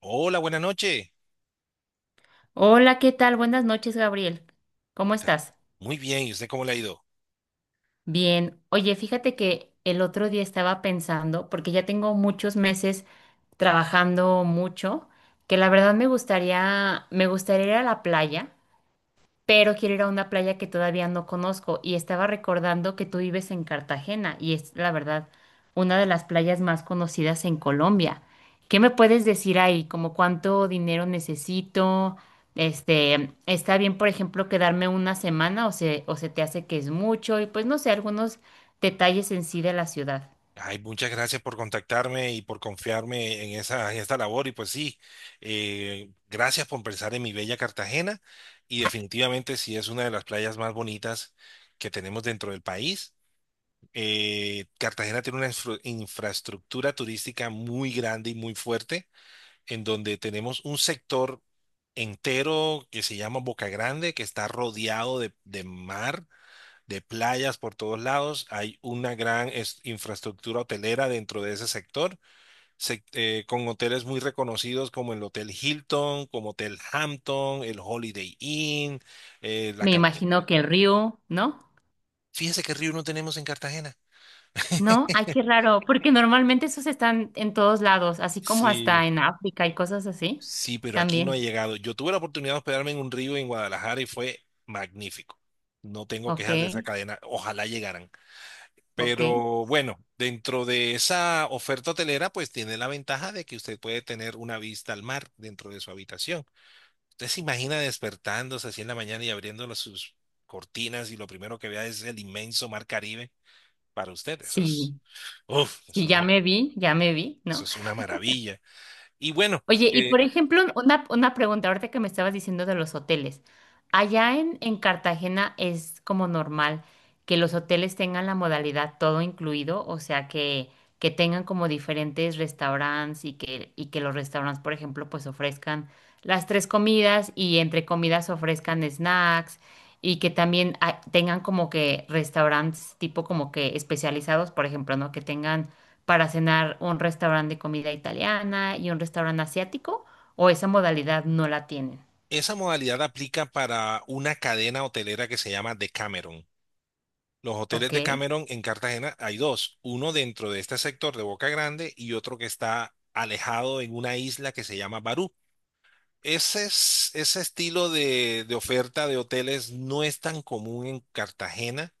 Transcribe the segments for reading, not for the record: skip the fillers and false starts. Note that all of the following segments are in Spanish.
Hola, buenas noches. Hola, ¿qué tal? Buenas noches, Gabriel. ¿Cómo Está estás? Muy bien, ¿y usted cómo le ha ido? Bien. Oye, fíjate que el otro día estaba pensando, porque ya tengo muchos meses trabajando mucho, que la verdad me gustaría ir a la playa, pero quiero ir a una playa que todavía no conozco y estaba recordando que tú vives en Cartagena y es la verdad una de las playas más conocidas en Colombia. ¿Qué me puedes decir ahí? ¿Como cuánto dinero necesito? Este, ¿está bien, por ejemplo, quedarme una semana o se te hace que es mucho? Y pues no sé, algunos detalles en sí de la ciudad. Ay, muchas gracias por contactarme y por confiarme en esta labor. Y pues sí, gracias por pensar en mi bella Cartagena. Y definitivamente sí es una de las playas más bonitas que tenemos dentro del país. Cartagena tiene una infraestructura turística muy grande y muy fuerte, en donde tenemos un sector entero que se llama Boca Grande, que está rodeado de mar de playas por todos lados. Hay una gran infraestructura hotelera dentro de ese sector, con hoteles muy reconocidos como el Hotel Hilton, como Hotel Hampton, el Holiday Inn, eh, la Me Cala- imagino que el río, ¿no? Fíjese qué río no tenemos en Cartagena. ¿No? Ay, qué raro, porque normalmente esos están en todos lados, así como Sí, hasta en África y cosas así. sí, pero aquí no ha También. llegado. Yo tuve la oportunidad de hospedarme en un río en Guadalajara y fue magnífico. No tengo Ok, quejas de esa cadena. Ojalá llegaran. ok. Pero bueno, dentro de esa oferta hotelera, pues tiene la ventaja de que usted puede tener una vista al mar dentro de su habitación. Usted se imagina despertándose así en la mañana y abriendo sus cortinas y lo primero que vea es el inmenso mar Caribe para usted. Eso Sí, es, uf, sí, eso es, ya me vi, Eso ¿no? es una maravilla. Y bueno, Oye, y eh, por ejemplo, una pregunta, ahorita que me estabas diciendo de los hoteles. Allá en Cartagena es como normal que los hoteles tengan la modalidad todo incluido, o sea, que tengan como diferentes restaurantes y que los restaurantes, por ejemplo, pues ofrezcan las tres comidas y entre comidas ofrezcan snacks y que también tengan como que restaurantes tipo como que especializados, por ejemplo, ¿no? Que tengan para cenar un restaurante de comida italiana y un restaurante asiático, o esa modalidad no la tienen. esa modalidad aplica para una cadena hotelera que se llama Decameron. Los hoteles de Ok, Cameron en Cartagena hay dos, uno dentro de este sector de Boca Grande y otro que está alejado en una isla que se llama Barú. Ese estilo de oferta de hoteles no es tan común en Cartagena.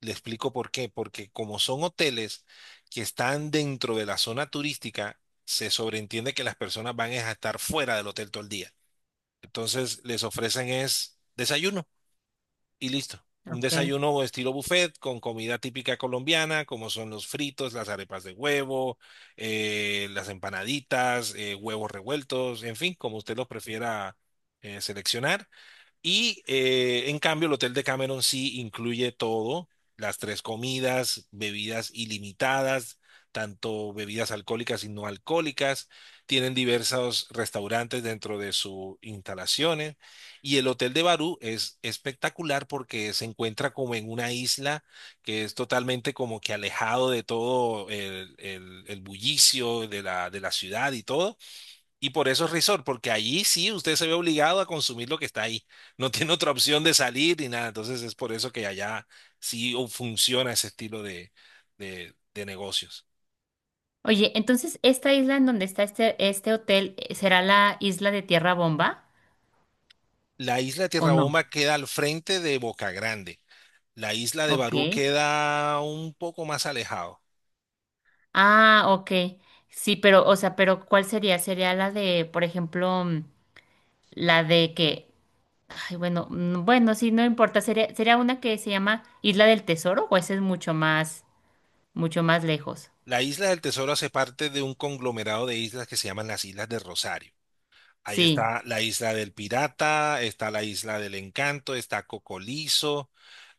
Le explico por qué, porque como son hoteles que están dentro de la zona turística, se sobreentiende que las personas van es a estar fuera del hotel todo el día. Entonces les ofrecen es desayuno y listo. Un ok. desayuno estilo buffet con comida típica colombiana, como son los fritos, las arepas de huevo, las empanaditas, huevos revueltos, en fin, como usted los prefiera seleccionar. Y en cambio, el Hotel de Cameron sí incluye todo, las tres comidas, bebidas ilimitadas, tanto bebidas alcohólicas y no alcohólicas. Tienen diversos restaurantes dentro de sus instalaciones. Y el Hotel de Barú es espectacular porque se encuentra como en una isla que es totalmente como que alejado de todo el bullicio de de la ciudad y todo y por eso es resort, porque allí sí usted se ve obligado a consumir lo que está ahí. No tiene otra opción de salir ni nada. Entonces es por eso que allá sí funciona ese estilo de negocios. Oye, entonces, ¿esta isla en donde está este hotel será la isla de Tierra Bomba La isla de o Tierra no? Bomba queda al frente de Boca Grande. La isla de Ok. Barú queda un poco más alejado. Ah, ok. Sí, pero, o sea, pero ¿cuál sería? Sería la de, por ejemplo, la de que, ay, bueno, bueno, sí, no importa. Sería una que se llama Isla del Tesoro, o esa es mucho más lejos. La isla del Tesoro hace parte de un conglomerado de islas que se llaman las Islas de Rosario. Ahí Sí. está la isla del pirata, está la isla del encanto, está Cocolizo,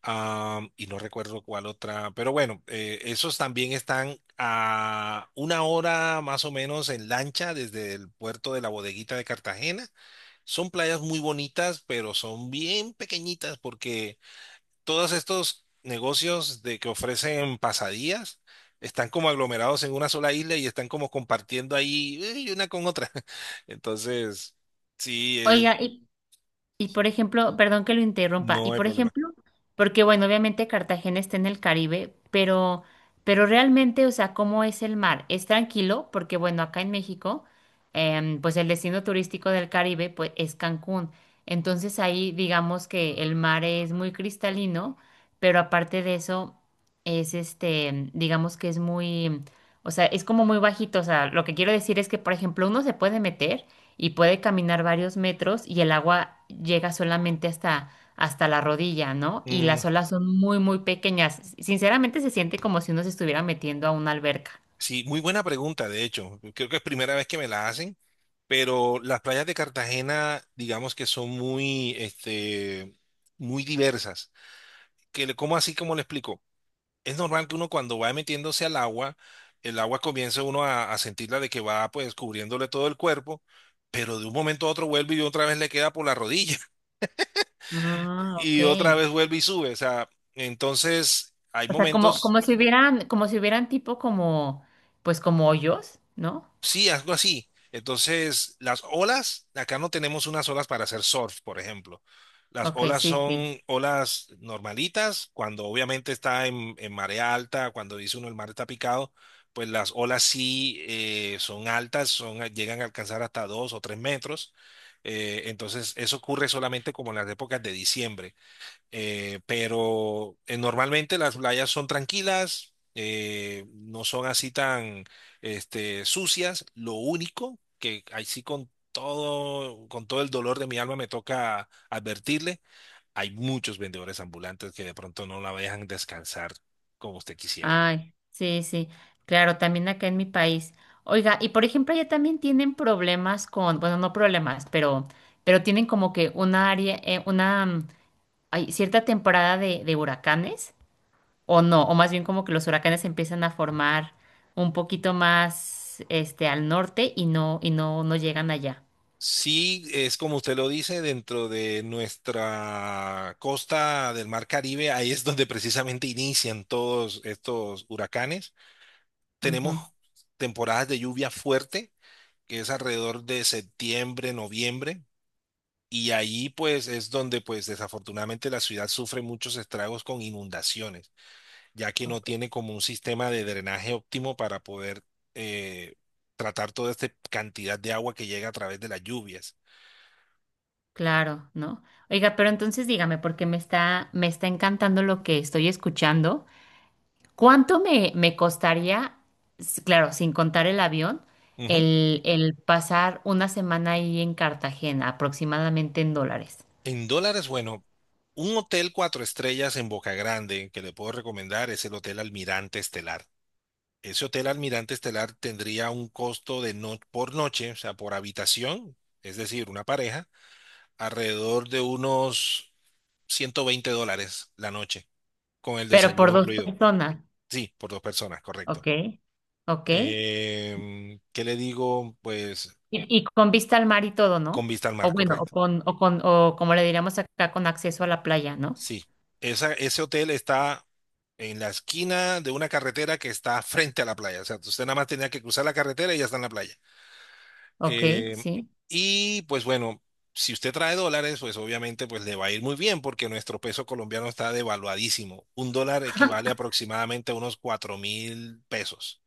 y no recuerdo cuál otra, pero bueno, esos también están a una hora más o menos en lancha desde el puerto de la Bodeguita de Cartagena. Son playas muy bonitas, pero son bien pequeñitas porque todos estos negocios de que ofrecen pasadías están como aglomerados en una sola isla y están como compartiendo ahí una con otra. Entonces, sí, Oiga, y por ejemplo, perdón que lo interrumpa, y no hay por problema. ejemplo, porque bueno, obviamente Cartagena está en el Caribe, pero realmente, o sea, ¿cómo es el mar? ¿Es tranquilo? Porque bueno, acá en México, pues el destino turístico del Caribe, pues es Cancún. Entonces ahí digamos que el mar es muy cristalino, pero aparte de eso, es este, digamos que es muy, o sea, es como muy bajito. O sea, lo que quiero decir es que, por ejemplo, uno se puede meter y puede caminar varios metros y el agua llega solamente hasta la rodilla, ¿no? Y Mm, las olas son muy, muy pequeñas. Sinceramente se siente como si uno se estuviera metiendo a una alberca. sí, muy buena pregunta, de hecho. Creo que es primera vez que me la hacen, pero las playas de Cartagena, digamos que son muy, este, muy diversas. ¿Cómo así, como le explico? Es normal que uno cuando va metiéndose al agua, el agua comienza uno a sentirla de que va pues cubriéndole todo el cuerpo, pero de un momento a otro vuelve y otra vez le queda por la rodilla Ah, ok. y otra vez vuelve y sube. O sea, entonces hay O sea, como, momentos. Como si hubieran tipo como, pues como hoyos, ¿no? Sí, algo así. Entonces, las olas, acá no tenemos unas olas para hacer surf, por ejemplo. Las Ok, olas sí, sí. son olas normalitas, cuando obviamente está en marea alta, cuando dice uno el mar está picado, pues las olas sí son altas, son, llegan a alcanzar hasta 2 o 3 metros. Entonces, eso ocurre solamente como en las épocas de diciembre. Pero normalmente las playas son tranquilas, no son así tan este, sucias. Lo único que ahí sí, con todo el dolor de mi alma me toca advertirle, hay muchos vendedores ambulantes que de pronto no la dejan descansar como usted quisiera. Ay, sí, sí, claro, también acá en mi país. Oiga, y por ejemplo, allá también tienen problemas con, bueno, no problemas, pero tienen como que una área, una, hay cierta temporada de huracanes, o no, o más bien como que los huracanes empiezan a formar un poquito más, este, al norte y no llegan allá. Sí, es como usted lo dice, dentro de nuestra costa del Mar Caribe, ahí es donde precisamente inician todos estos huracanes. Tenemos Ujú, temporadas de lluvia fuerte, que es alrededor de septiembre, noviembre, y ahí pues es donde pues desafortunadamente la ciudad sufre muchos estragos con inundaciones, ya que no ok. tiene como un sistema de drenaje óptimo para poder eh, tratar toda esta cantidad de agua que llega a través de las lluvias. Claro, ¿no? Oiga, pero entonces dígame, porque me está encantando lo que estoy escuchando. ¿Cuánto me costaría, s- claro, sin contar el avión, Ujú. El pasar una semana ahí en Cartagena, aproximadamente en dólares? En dólares, bueno, un hotel cuatro estrellas en Boca Grande que le puedo recomendar es el Hotel Almirante Estelar. Ese hotel Almirante Estelar tendría un costo de, no, por noche, o sea, por habitación, es decir, una pareja, alrededor de unos $120 la noche, con el Pero por desayuno dos incluido. personas, Sí, por dos personas, correcto. ¿ok? ¿Ok? ¿Qué le digo? Pues Y con vista al mar y todo, con ¿no? vista al O mar, bueno, correcto. O como le diríamos acá, con acceso a la playa, ¿no? Sí, ese hotel está en la esquina de una carretera que está frente a la playa. O sea, usted nada más tenía que cruzar la carretera y ya está en la playa. Ok, Eh, sí, y pues bueno, si usted trae dólares, pues obviamente pues le va a ir muy bien porque nuestro peso colombiano está devaluadísimo. Un dólar equivale aproximadamente a unos 4.000 pesos.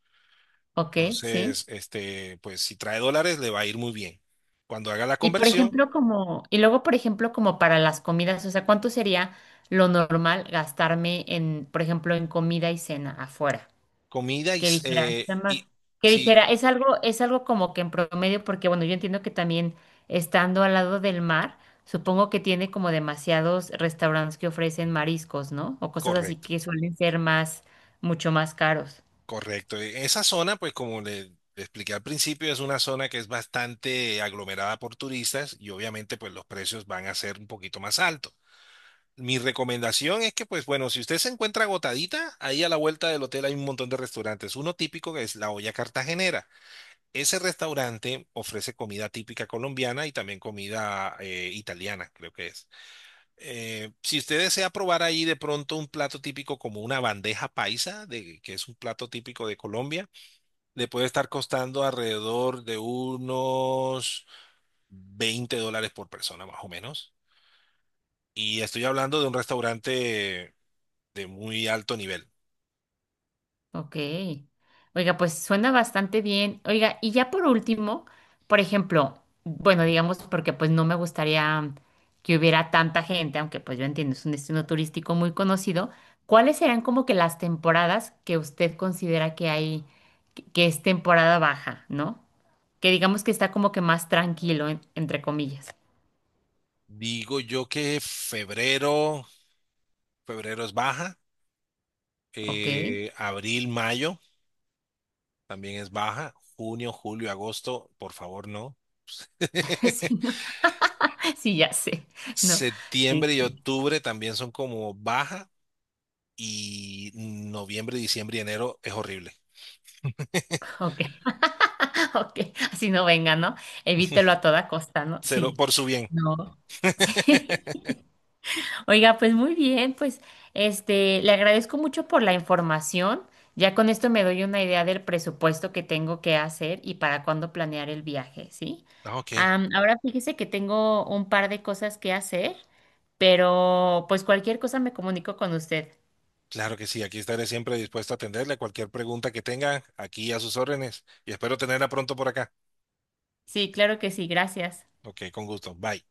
ok, sí. Entonces, este, pues si trae dólares, le va a ir muy bien. Cuando haga la Y por conversión, ejemplo, como, y luego, por ejemplo, como para las comidas, o sea, ¿cuánto sería lo normal gastarme en, por ejemplo, en comida y cena afuera? comida y, Que s- dijera, está más- y- que sí, dijera, es algo como que en promedio, porque bueno, yo entiendo que también estando al lado del mar, supongo que tiene como demasiados restaurantes que ofrecen mariscos, ¿no? O cosas así correcto, que suelen ser más, mucho más caros. correcto. Esa zona, pues como le expliqué al principio, es una zona que es bastante aglomerada por turistas y obviamente pues los precios van a ser un poquito más altos. Mi recomendación es que, pues bueno, si usted se encuentra agotadita, ahí a la vuelta del hotel hay un montón de restaurantes. Uno típico que es La Olla Cartagenera. Ese restaurante ofrece comida típica colombiana y también comida italiana, creo que es. Si usted desea probar ahí de pronto un plato típico como una bandeja paisa, de, que es un plato típico de Colombia, le puede estar costando alrededor de unos $20 por persona, más o menos. Y estoy hablando de un restaurante de muy alto nivel. Ok. Oiga, pues suena bastante bien. Oiga, y ya por último, por ejemplo, bueno, digamos porque pues no me gustaría que hubiera tanta gente, aunque pues yo entiendo, es un destino turístico muy conocido. ¿Cuáles serán como que las temporadas que usted considera que hay, que es temporada baja, ¿no? Que digamos que está como que más tranquilo, en- entre comillas. Digo yo que febrero es baja, Ok. Abril, mayo también es baja, junio, julio, agosto, por favor no. Sí, ¿no? Sí, ya sé. No, sí, Septiembre y sí. octubre también son como baja y noviembre, diciembre y enero es horrible. Ok. Ok, así no venga, ¿no? Evítelo a toda costa, ¿no? Se lo, Sí, por su bien. no. Sí. Oiga, pues muy bien, pues este, le agradezco mucho por la información. Ya con esto me doy una idea del presupuesto que tengo que hacer y para cuándo planear el viaje, ¿sí? Ah, ok, Am, ahora fíjese que tengo un par de cosas que hacer, pero pues cualquier cosa me comunico con usted. claro que sí, aquí estaré siempre dispuesto a atenderle cualquier pregunta que tenga, aquí a sus órdenes y espero tenerla pronto por acá. Sí, claro que sí, gracias. Ok, con gusto. Bye.